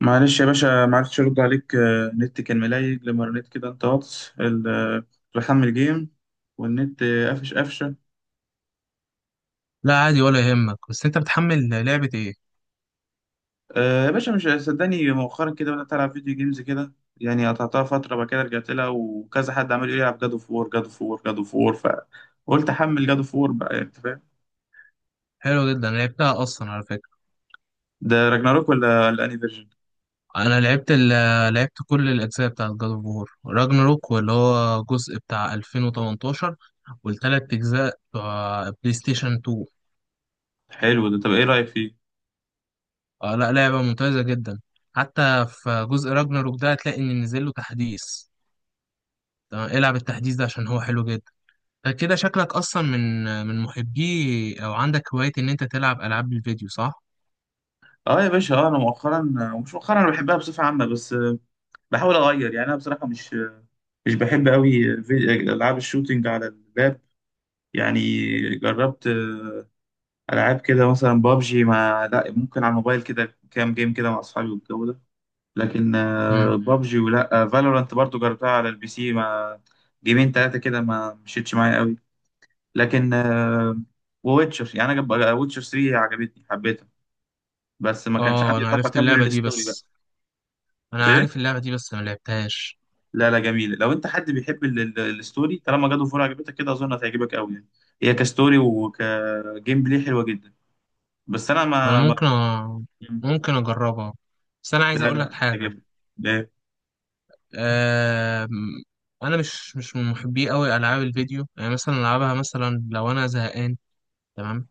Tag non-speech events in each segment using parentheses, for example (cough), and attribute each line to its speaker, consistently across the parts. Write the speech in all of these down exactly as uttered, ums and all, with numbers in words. Speaker 1: معلش يا باشا ما عرفتش ارد عليك، آه، النت كان ملايج لما رنيت كده انت واتس ال- آه، كنت بحمل جيم والنت، آه، قفش قفشه.
Speaker 2: لا، عادي ولا يهمك. بس انت بتحمل لعبة ايه؟
Speaker 1: آه، يا باشا مش صدقني مؤخرا كده بدات العب فيديو جيمز كده، يعني قطعتها فتره بعد كده رجعت لها وكذا حد عمال يقول لي العب جادو فور جادو فور جادو فور، فقلت احمل جادو فور بقى، يعني انت فاهم.
Speaker 2: حلو جدا، لعبتها اصلا على فكرة.
Speaker 1: ده راجناروك ولا الاني فيرجن؟
Speaker 2: انا لعبت ال آه، لعبت كل الاجزاء بتاعت جاد اوف وور راجناروك، واللي هو جزء بتاع ألفين وتمنتاشر، والتلات اجزاء بتوع بلاي ستيشن اتنين.
Speaker 1: حلو ده، طب ايه رايك فيه؟
Speaker 2: آه، لا، لعبة ممتازة جدا. حتى في جزء راجناروك ده هتلاقي ان نزل له تحديث. تمام، العب التحديث ده عشان هو حلو جدا. فكده شكلك اصلا من من محبي او عندك هواية ان انت تلعب العاب الفيديو، صح؟
Speaker 1: اه يا باشا، اه انا مؤخرا، آه، مش مؤخرا، انا بحبها بصفه عامه، بس، آه، بحاول اغير، يعني انا بصراحه مش مش بحب قوي. في- العاب الشوتينج على اللاب، يعني جربت، آه، العاب كده مثلا بابجي، مع لا ممكن على الموبايل كده كام جيم كده مع اصحابي والجو ده، لكن،
Speaker 2: مم.
Speaker 1: آه، بابجي ولا فالورانت برضو جربتها على البي سي مع جيمين ثلاثه كده، ما مشيتش معايا قوي. لكن، آه، وويتشر، يعني انا ويتشر تلاته عجبتني، حبيتها، بس ما كانش
Speaker 2: اه،
Speaker 1: عندي
Speaker 2: انا
Speaker 1: طاقه
Speaker 2: عرفت اللعبة
Speaker 1: اكمل
Speaker 2: دي،
Speaker 1: الستوري بقى.
Speaker 2: بس انا
Speaker 1: إيه؟
Speaker 2: عارف اللعبه دي بس ما لعبتهاش.
Speaker 1: لا لا، جميلة. لو انت حد بيحب ال- ال- الستوري، طالما جاد اوف وور عجبتك كده، اظن هتعجبك قوي يعني. هي كستوري وكجيم بلاي حلوة جدا، بس انا
Speaker 2: انا
Speaker 1: ما, ما...
Speaker 2: ممكن أ... ممكن اجربها، بس انا عايز
Speaker 1: لا
Speaker 2: اقول لك
Speaker 1: لا،
Speaker 2: حاجه.
Speaker 1: تعجبك. لا.
Speaker 2: أم... انا مش مش من محبي قوي العاب الفيديو، يعني مثلا العبها مثلا لو انا زهقان. تمام.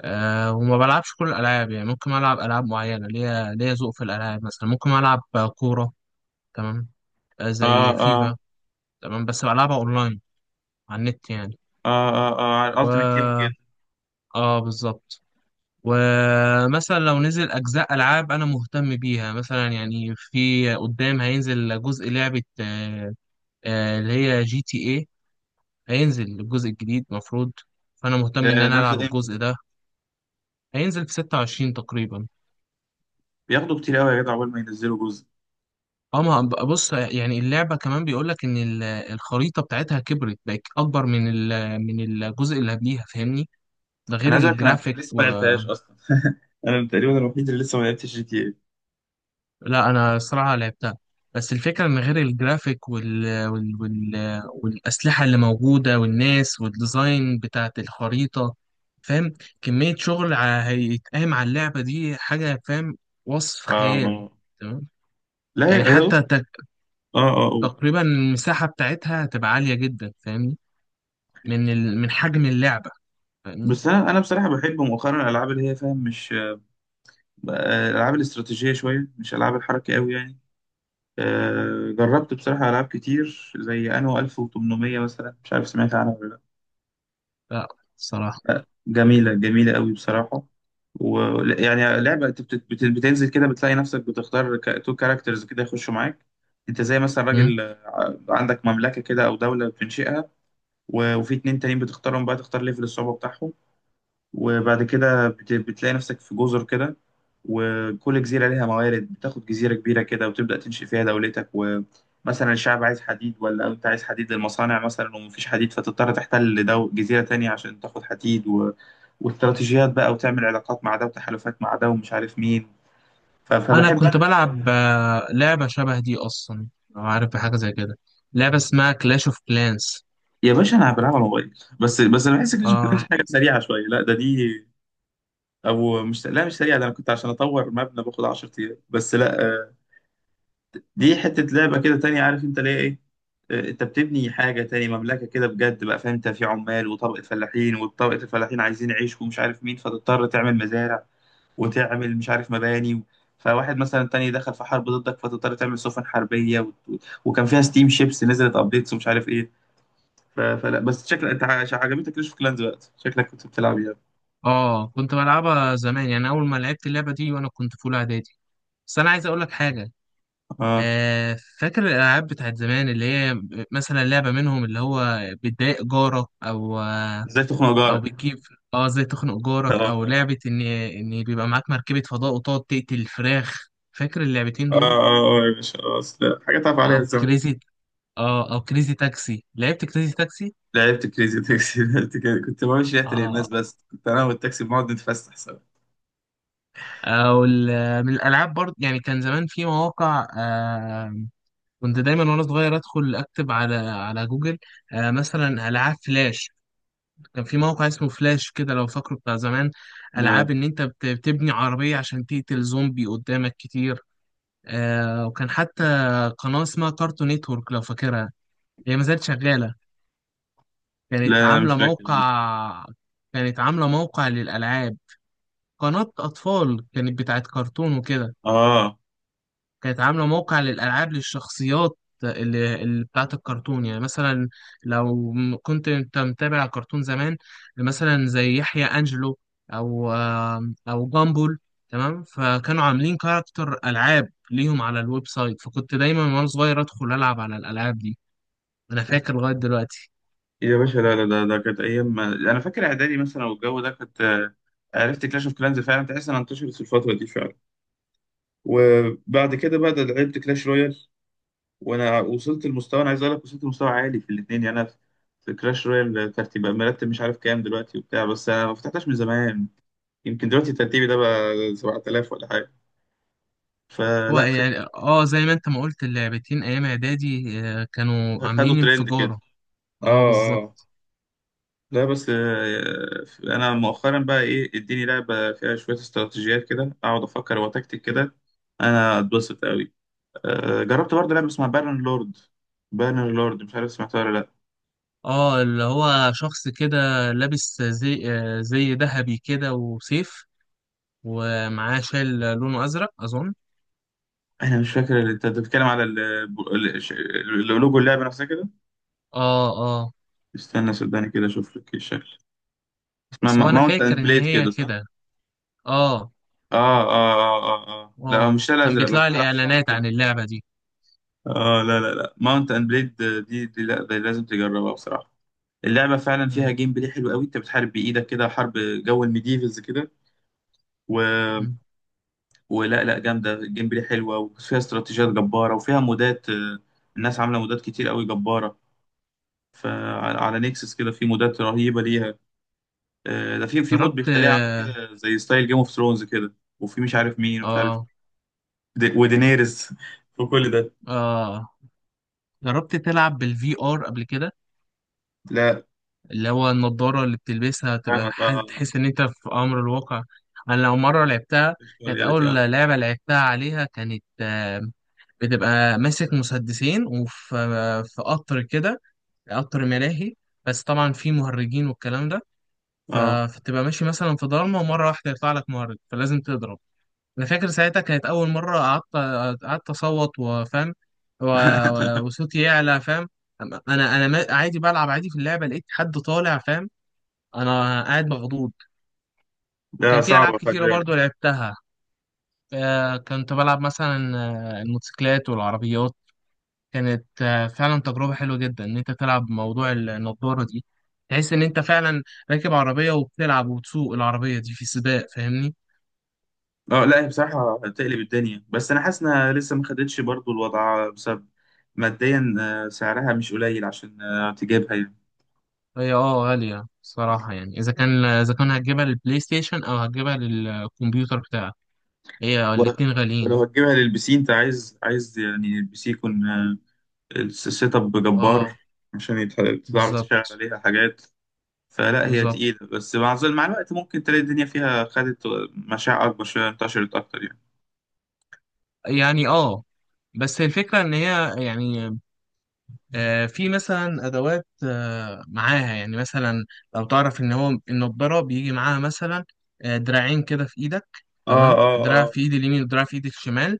Speaker 2: أه وما بلعبش كل الالعاب، يعني ممكن العب العاب معينه، ليا ليا ذوق في الالعاب، مثلا ممكن العب كوره. تمام. آه،
Speaker 1: اه
Speaker 2: زي فيفا.
Speaker 1: اه
Speaker 2: تمام، بس بلعبها اونلاين، على النت يعني.
Speaker 1: اه اه اه، على الالتيميت تيم
Speaker 2: و،
Speaker 1: جدا.
Speaker 2: اه، بالظبط. ومثلا لو نزل أجزاء ألعاب أنا مهتم بيها، مثلا يعني في قدام هينزل جزء لعبة آه، آه، اللي هي جي تي إيه. هينزل الجزء الجديد، مفروض. فأنا
Speaker 1: ده
Speaker 2: مهتم إن أنا ألعب
Speaker 1: نزل امتى؟
Speaker 2: الجزء ده. هينزل في ستة وعشرين تقريبا.
Speaker 1: بياخدوا كتير قوي يا جدع اول ما ينزلوا جزء.
Speaker 2: اه. ما هب- بص، يعني اللعبة كمان بيقولك إن ال- الخريطة بتاعتها كبرت، بقت أكبر من ال- من الجزء اللي قبليها، فاهمني؟ ده غير
Speaker 1: انا عايز اقول لك، انا
Speaker 2: الجرافيك.
Speaker 1: لسه ما لعبتهاش اصلا. انا تقريبا الوحيد اللي لسه ما لعبتش جي تي اي.
Speaker 2: لا، انا الصراحه لعبتها، بس الفكره ان غير الجرافيك وال... وال... وال... والاسلحه اللي موجوده والناس والديزاين بتاعت الخريطه، فاهم، كميه شغل ع- هيتقام على اللعبه دي حاجه، فاهم، وصف
Speaker 1: اه.
Speaker 2: خيال.
Speaker 1: آه.
Speaker 2: تمام.
Speaker 1: لا
Speaker 2: يعني
Speaker 1: هي، هي- أصلاً-
Speaker 2: حتى تق-
Speaker 1: اه اه. آه.
Speaker 2: تقريبا المساحه بتاعتها هتبقى عاليه جدا، فاهمني، من ال... من حجم اللعبه، فاهمني.
Speaker 1: بس انا، انا بصراحة بحب مؤخرا الالعاب اللي هي فاهم، مش، آه، العاب الاستراتيجيه شويه، مش العاب الحركه قوي يعني. آه، جربت بصراحه العاب كتير، زي انو الف وتمنمية مثلا، مش عارف سمعت عنها ولا لا.
Speaker 2: لا الصراحه،
Speaker 1: آه، جميله، جميله قوي بصراحه. ويعني لعبه انت بت- بت- بتنزل كده، بتلاقي نفسك بتختار تو كاركترز كده يخشوا معاك. انت زي مثلا راجل، آه، عندك مملكه كده او دوله بتنشئها، و- وفي اتنين تانيين بتختارهم بقى، تختار ليفل الصعوبه بتاعهم، وبعد كده بت- بتلاقي نفسك في جزر كده، وكل جزيرة ليها موارد. بتاخد جزيرة كبيرة كده وتبدأ تنشئ فيها دولتك، ومثلا الشعب عايز حديد، ولا أنت عايز حديد للمصانع مثلا ومفيش حديد، فتضطر تحتل دو جزيرة تانية عشان تاخد حديد و... واستراتيجيات بقى، وتعمل علاقات مع ده وتحالفات مع ده ومش عارف مين. ف...
Speaker 2: انا
Speaker 1: فبحب
Speaker 2: كنت
Speaker 1: أنا
Speaker 2: بلعب
Speaker 1: الجو.
Speaker 2: آه، لعبه شبه دي اصلا، لو عارف بحاجه زي كده، لعبه اسمها كلاش اوف كلانس.
Speaker 1: يا باشا أنا بلعب على الموبايل، بس بس أنا بحس كده شكلها مش
Speaker 2: اه،
Speaker 1: حاجة سريعة شوية، لا ده دي، أو مش، لا مش سريعة، ده أنا كنت عشان أطور مبنى باخد عشر أيام، بس لا، آه، دي حتة لعبة كده تانية، عارف انت ليه ايه؟ آه، انت بتبني حاجة تاني، مملكة كده بجد بقى، فاهم؟ انت في عمال وطبقة فلاحين، وطبقة الفلاحين عايزين يعيش ومش عارف مين، فتضطر تعمل مزارع، وتعمل مش عارف مباني، فواحد مثلا تاني دخل في حرب ضدك، فتضطر تعمل سفن حربية و... و- وكان فيها ستيم شيبس نزلت ابديتس ومش عارف ايه. ف... فلا، بس شكلك انت ع- عجبتك ليش في كلانز وقت، شكلك كنت بتلعب يعني.
Speaker 2: اه، كنت بلعبها زمان، يعني اول ما لعبت اللعبه دي وانا كنت في اولى اعدادي. بس انا عايز اقول لك حاجه.
Speaker 1: اه.
Speaker 2: آه فاكر الالعاب بتاعت زمان، اللي هي مثلا لعبه منهم اللي هو بتضايق جارك، او آه
Speaker 1: ازاي تخنق
Speaker 2: او
Speaker 1: جارك؟
Speaker 2: بتجيب، اه، زي تخنق جارك، او
Speaker 1: اه
Speaker 2: لعبه ان ان بيبقى معاك مركبه فضاء وتقعد تقتل الفراخ، فاكر اللعبتين
Speaker 1: اه
Speaker 2: دول؟
Speaker 1: اه، آه يا باشا خلاص، لا حاجة تعرف عليها
Speaker 2: او
Speaker 1: الزمن.
Speaker 2: كريزي اه او كريزي تاكسي، لعبت كريزي تاكسي.
Speaker 1: لعبت كريزي تاكسي (laughs) لعبت كده. كنت بمشي ريحة
Speaker 2: اه.
Speaker 1: الناس، بس كنت انا والتاكسي بنقعد نتفسح سوا.
Speaker 2: او ال- من الالعاب برضه، يعني كان زمان في مواقع. آه كنت دايما وانا صغير ادخل اكتب على على جوجل آه مثلا العاب فلاش. كان في موقع اسمه فلاش كده، لو فاكره، بتاع زمان،
Speaker 1: لا.
Speaker 2: العاب ان انت بت- بتبني عربيه عشان تقتل زومبي قدامك كتير. آه وكان حتى قناه اسمها كارتون نيتورك، لو فاكرها، هي ما زالت شغاله. كانت
Speaker 1: لا مش
Speaker 2: عامله
Speaker 1: فاكر لا.
Speaker 2: موقع كانت عامله موقع للالعاب. قناة أطفال، كانت بتاعت كرتون وكده.
Speaker 1: اه
Speaker 2: كانت عاملة موقع للألعاب، للشخصيات اللي, اللي بتاعت الكرتون، يعني مثلا لو م- كنت أنت متابع كرتون زمان، مثلا زي يحيى أنجلو، أو آم، أو جامبول. تمام، فكانوا عاملين كاركتر ألعاب ليهم على الويب سايت، فكنت دايما وأنا صغير أدخل ألعب على الألعاب دي. أنا فاكر لغاية دلوقتي.
Speaker 1: يا باشا، لا لا لا، ده كانت ايام ما... انا فاكر اعدادي مثلا والجو ده، كنت، آه، عرفت كلاش اوف كلانز فعلا، تحس انها انتشرت في الفترة دي فعلا. وبعد كده بقى ده لعبت كلاش رويال، وانا وصلت لمستوى، انا عايز اقول لك وصلت لمستوى عالي في الاثنين، يعني انا في، في كلاش رويال ترتيب مرتب مش عارف كام دلوقتي وبتاع، بس انا ما فتحتهاش من زمان. يمكن دلوقتي ترتيبي ده بقى سبعة الاف ولا حاجة.
Speaker 2: هو
Speaker 1: فلا.
Speaker 2: يعني اه، زي ما انت ما قلت، اللعبتين ايام اعدادي آه، كانوا
Speaker 1: خدوا
Speaker 2: عاملين
Speaker 1: ترند كده.
Speaker 2: انفجارة. اه،
Speaker 1: اه. اه.
Speaker 2: بالظبط.
Speaker 1: لا بس، آه، انا مؤخرا بقى ايه، اديني لعبه فيها شويه استراتيجيات كده، اقعد افكر واتكتك كده، انا اتبسط قوي. آه، جربت برضه لعبه اسمها بارن لورد. بارن لورد، مش عارف سمعتها ولا لا.
Speaker 2: اه، اللي هو شخص كده، لابس زي آه، زي ذهبي كده وسيف، ومعاه شال لونه ازرق، اظن.
Speaker 1: انا مش فاكر اللي انت بتتكلم على ال- ال- ش- ال- لوجو اللعبه نفسها كده.
Speaker 2: اه، اه،
Speaker 1: استنى صدقني كده اشوف لك إيه الشكل. اسمها
Speaker 2: بس هو انا
Speaker 1: ماونت
Speaker 2: فاكر
Speaker 1: اند
Speaker 2: ان
Speaker 1: بليد
Speaker 2: هي
Speaker 1: كده، صح؟
Speaker 2: كده. اه.
Speaker 1: اه اه اه اه, آه. لا
Speaker 2: اه
Speaker 1: هو مش ده،
Speaker 2: كان
Speaker 1: الازرق بس
Speaker 2: بيطلع
Speaker 1: على
Speaker 2: لي
Speaker 1: حصان
Speaker 2: اعلانات عن
Speaker 1: كده.
Speaker 2: اللعبة دي.
Speaker 1: اه، لا لا لا، ماونت اند بليد. دي, دي لا، دي لازم تجربها بصراحه. اللعبه فعلا فيها
Speaker 2: مم،
Speaker 1: جيم بلاي حلو قوي، انت بتحارب بايدك كده حرب، جو الميديفلز كده، و...
Speaker 2: مم.
Speaker 1: ولا لا، جامده، الجيم بلاي حلوه وفيها استراتيجيات جباره، وفيها مودات، آه، الناس عامله مودات كتير قوي جباره. فعلى على نيكسس كده في مودات رهيبه ليها. آه، ده في في مود
Speaker 2: جربت،
Speaker 1: بيخليها عامله
Speaker 2: اه،
Speaker 1: كده زي ستايل جيم اوف ثرونز كده، وفي مش عارف مين ومش عارف
Speaker 2: اه،
Speaker 1: د- ودينيرز (laughs) وكل ده.
Speaker 2: آه. جربت تلعب بالفي ار قبل كده؟
Speaker 1: لا
Speaker 2: اللي هو النضارة اللي بتلبسها تبقى
Speaker 1: فاهمك،
Speaker 2: ح-
Speaker 1: اه.
Speaker 2: تحس ان انت في امر الواقع. انا لو مرة لعبتها،
Speaker 1: مش كل
Speaker 2: كانت
Speaker 1: يا ريت،
Speaker 2: اول
Speaker 1: اه.
Speaker 2: لعبة لعبتها عليها كانت آه، بتبقى ماسك مسدسين، وفي في قطر كده، قطر ملاهي، بس طبعا في مهرجين والكلام ده. ف-
Speaker 1: اه
Speaker 2: فتبقى ماشي مثلا في ضلمه، ومره واحده يطلع لك مهرج، فلازم تضرب. انا فاكر ساعتها كانت اول مره قعدت قعدت اصوت، وفاهم، و-
Speaker 1: (laughs)
Speaker 2: و- وصوتي يعلى، فاهم. انا انا ما- عادي بلعب عادي في اللعبه، لقيت حد طالع، فاهم، انا قاعد مخضوض.
Speaker 1: لا
Speaker 2: كان في العاب
Speaker 1: صعبة، خلي
Speaker 2: كتيره برضو
Speaker 1: بالك.
Speaker 2: لعبتها. آه، كنت بلعب مثلا آه، الموتوسيكلات والعربيات. كانت آه، فعلا تجربة حلوة جدا إن أنت تلعب موضوع النضارة دي، تحس إن أنت فعلا راكب عربية، وبتلعب وبتسوق العربية دي في سباق، فاهمني.
Speaker 1: اه، لا هي بصراحة هتقلب الدنيا، بس أنا حاسس إنها لسه ما خدتش برضو الوضع بسبب ماديا، آه، سعرها مش قليل عشان، آه، تجيبها يعني.
Speaker 2: هي اه غالية صراحة، يعني إذا كان إذا كان هتجيبها للبلاي ستيشن أو هتجيبها للكمبيوتر بتاعك، هي
Speaker 1: و-
Speaker 2: الاتنين غاليين.
Speaker 1: ولو هتجيبها للبي سي، أنت عايز، عايز يعني البي سي يكون، آه، الس- السيت اب جبار،
Speaker 2: اه،
Speaker 1: عشان يت- تعرف تشغل
Speaker 2: بالظبط.
Speaker 1: عليها حاجات. فلا هي
Speaker 2: بالظبط،
Speaker 1: تقيلة، بس مع ظل- مع الوقت ممكن تلاقي الدنيا فيها خدت مشاع أكبر شوية، انتشرت أكتر يعني.
Speaker 2: يعني اه، بس الفكرة إن هي يعني آه، في مثلا ادوات آه، معاها، يعني مثلا لو تعرف ان هو النضاره بيجي معاها مثلا آه، دراعين كده في ايدك،
Speaker 1: اه
Speaker 2: تمام،
Speaker 1: اه
Speaker 2: دراع
Speaker 1: اه.
Speaker 2: في ايد اليمين ودراع في ايد الشمال.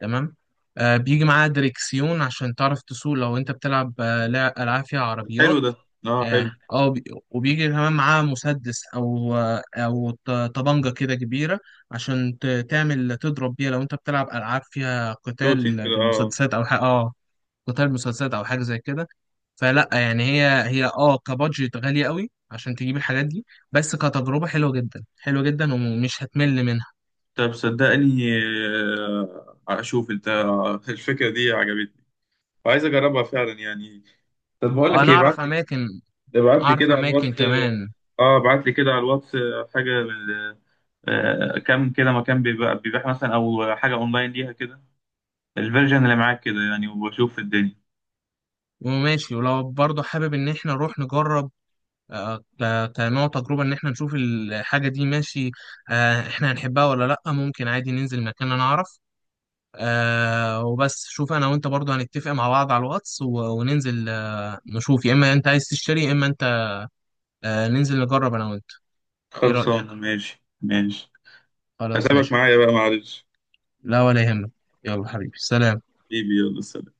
Speaker 2: تمام. آه، بيجي معاها دريكسيون عشان تعرف تسوق، لو انت بتلعب آه، لع- العاب فيها
Speaker 1: حلو
Speaker 2: عربيات.
Speaker 1: ده. اه حلو.
Speaker 2: اه. آه، وبي- وبيجي كمان معاها مسدس، او آه، او ط- طبنجه كده كبيره، عشان ت- تعمل تضرب بيها لو انت بتلعب العاب فيها
Speaker 1: شوتينج
Speaker 2: قتال
Speaker 1: كده، اه. آه.
Speaker 2: بالمسدسات، او ح- اه قتال مسدسات او حاجه زي كده. فلا يعني هي هي اه كبادجت غالية قوي عشان تجيب الحاجات دي، بس كتجربة حلوة جدا، حلوة جدا، ومش هتمل منها.
Speaker 1: طب صدقني، آه، اشوف انت، الفكره دي عجبتني، عايز اجربها فعلا يعني. طب بقول لك
Speaker 2: انا
Speaker 1: ايه، ابعت
Speaker 2: اعرف
Speaker 1: لي،
Speaker 2: اماكن،
Speaker 1: ابعت لي
Speaker 2: اعرف
Speaker 1: كده على
Speaker 2: اماكن
Speaker 1: الواتس.
Speaker 2: كمان.
Speaker 1: اه ابعت لي كده على الواتس، آه، حاجه من، آه، كم كده مكان بيبقى بيبيع مثلا، او حاجه اونلاين ليها كده، الفيرجن اللي معاك كده يعني، واشوف الدنيا.
Speaker 2: وماشي، ولو برضه حابب ان احنا نروح نجرب آه، ك- كنوع تجربة، ان احنا نشوف الحاجة دي، ماشي؟ آه، احنا هنحبها ولا لا. ممكن عادي ننزل مكان انا اعرف. آه وبس شوف، انا وانت برضه هنتفق مع بعض على الواتس، و- وننزل آه، نشوف يا اما انت عايز تشتري يا اما انت آه، ننزل نجرب انا وانت. ايه رأيك؟
Speaker 1: خلصانه، ماشي ماشي.
Speaker 2: خلاص
Speaker 1: هتابعك
Speaker 2: ماشي.
Speaker 1: معايا بقى معلش.
Speaker 2: لا، ولا يهمك. يلا حبيبي، سلام.
Speaker 1: حبيبي يلا سلام.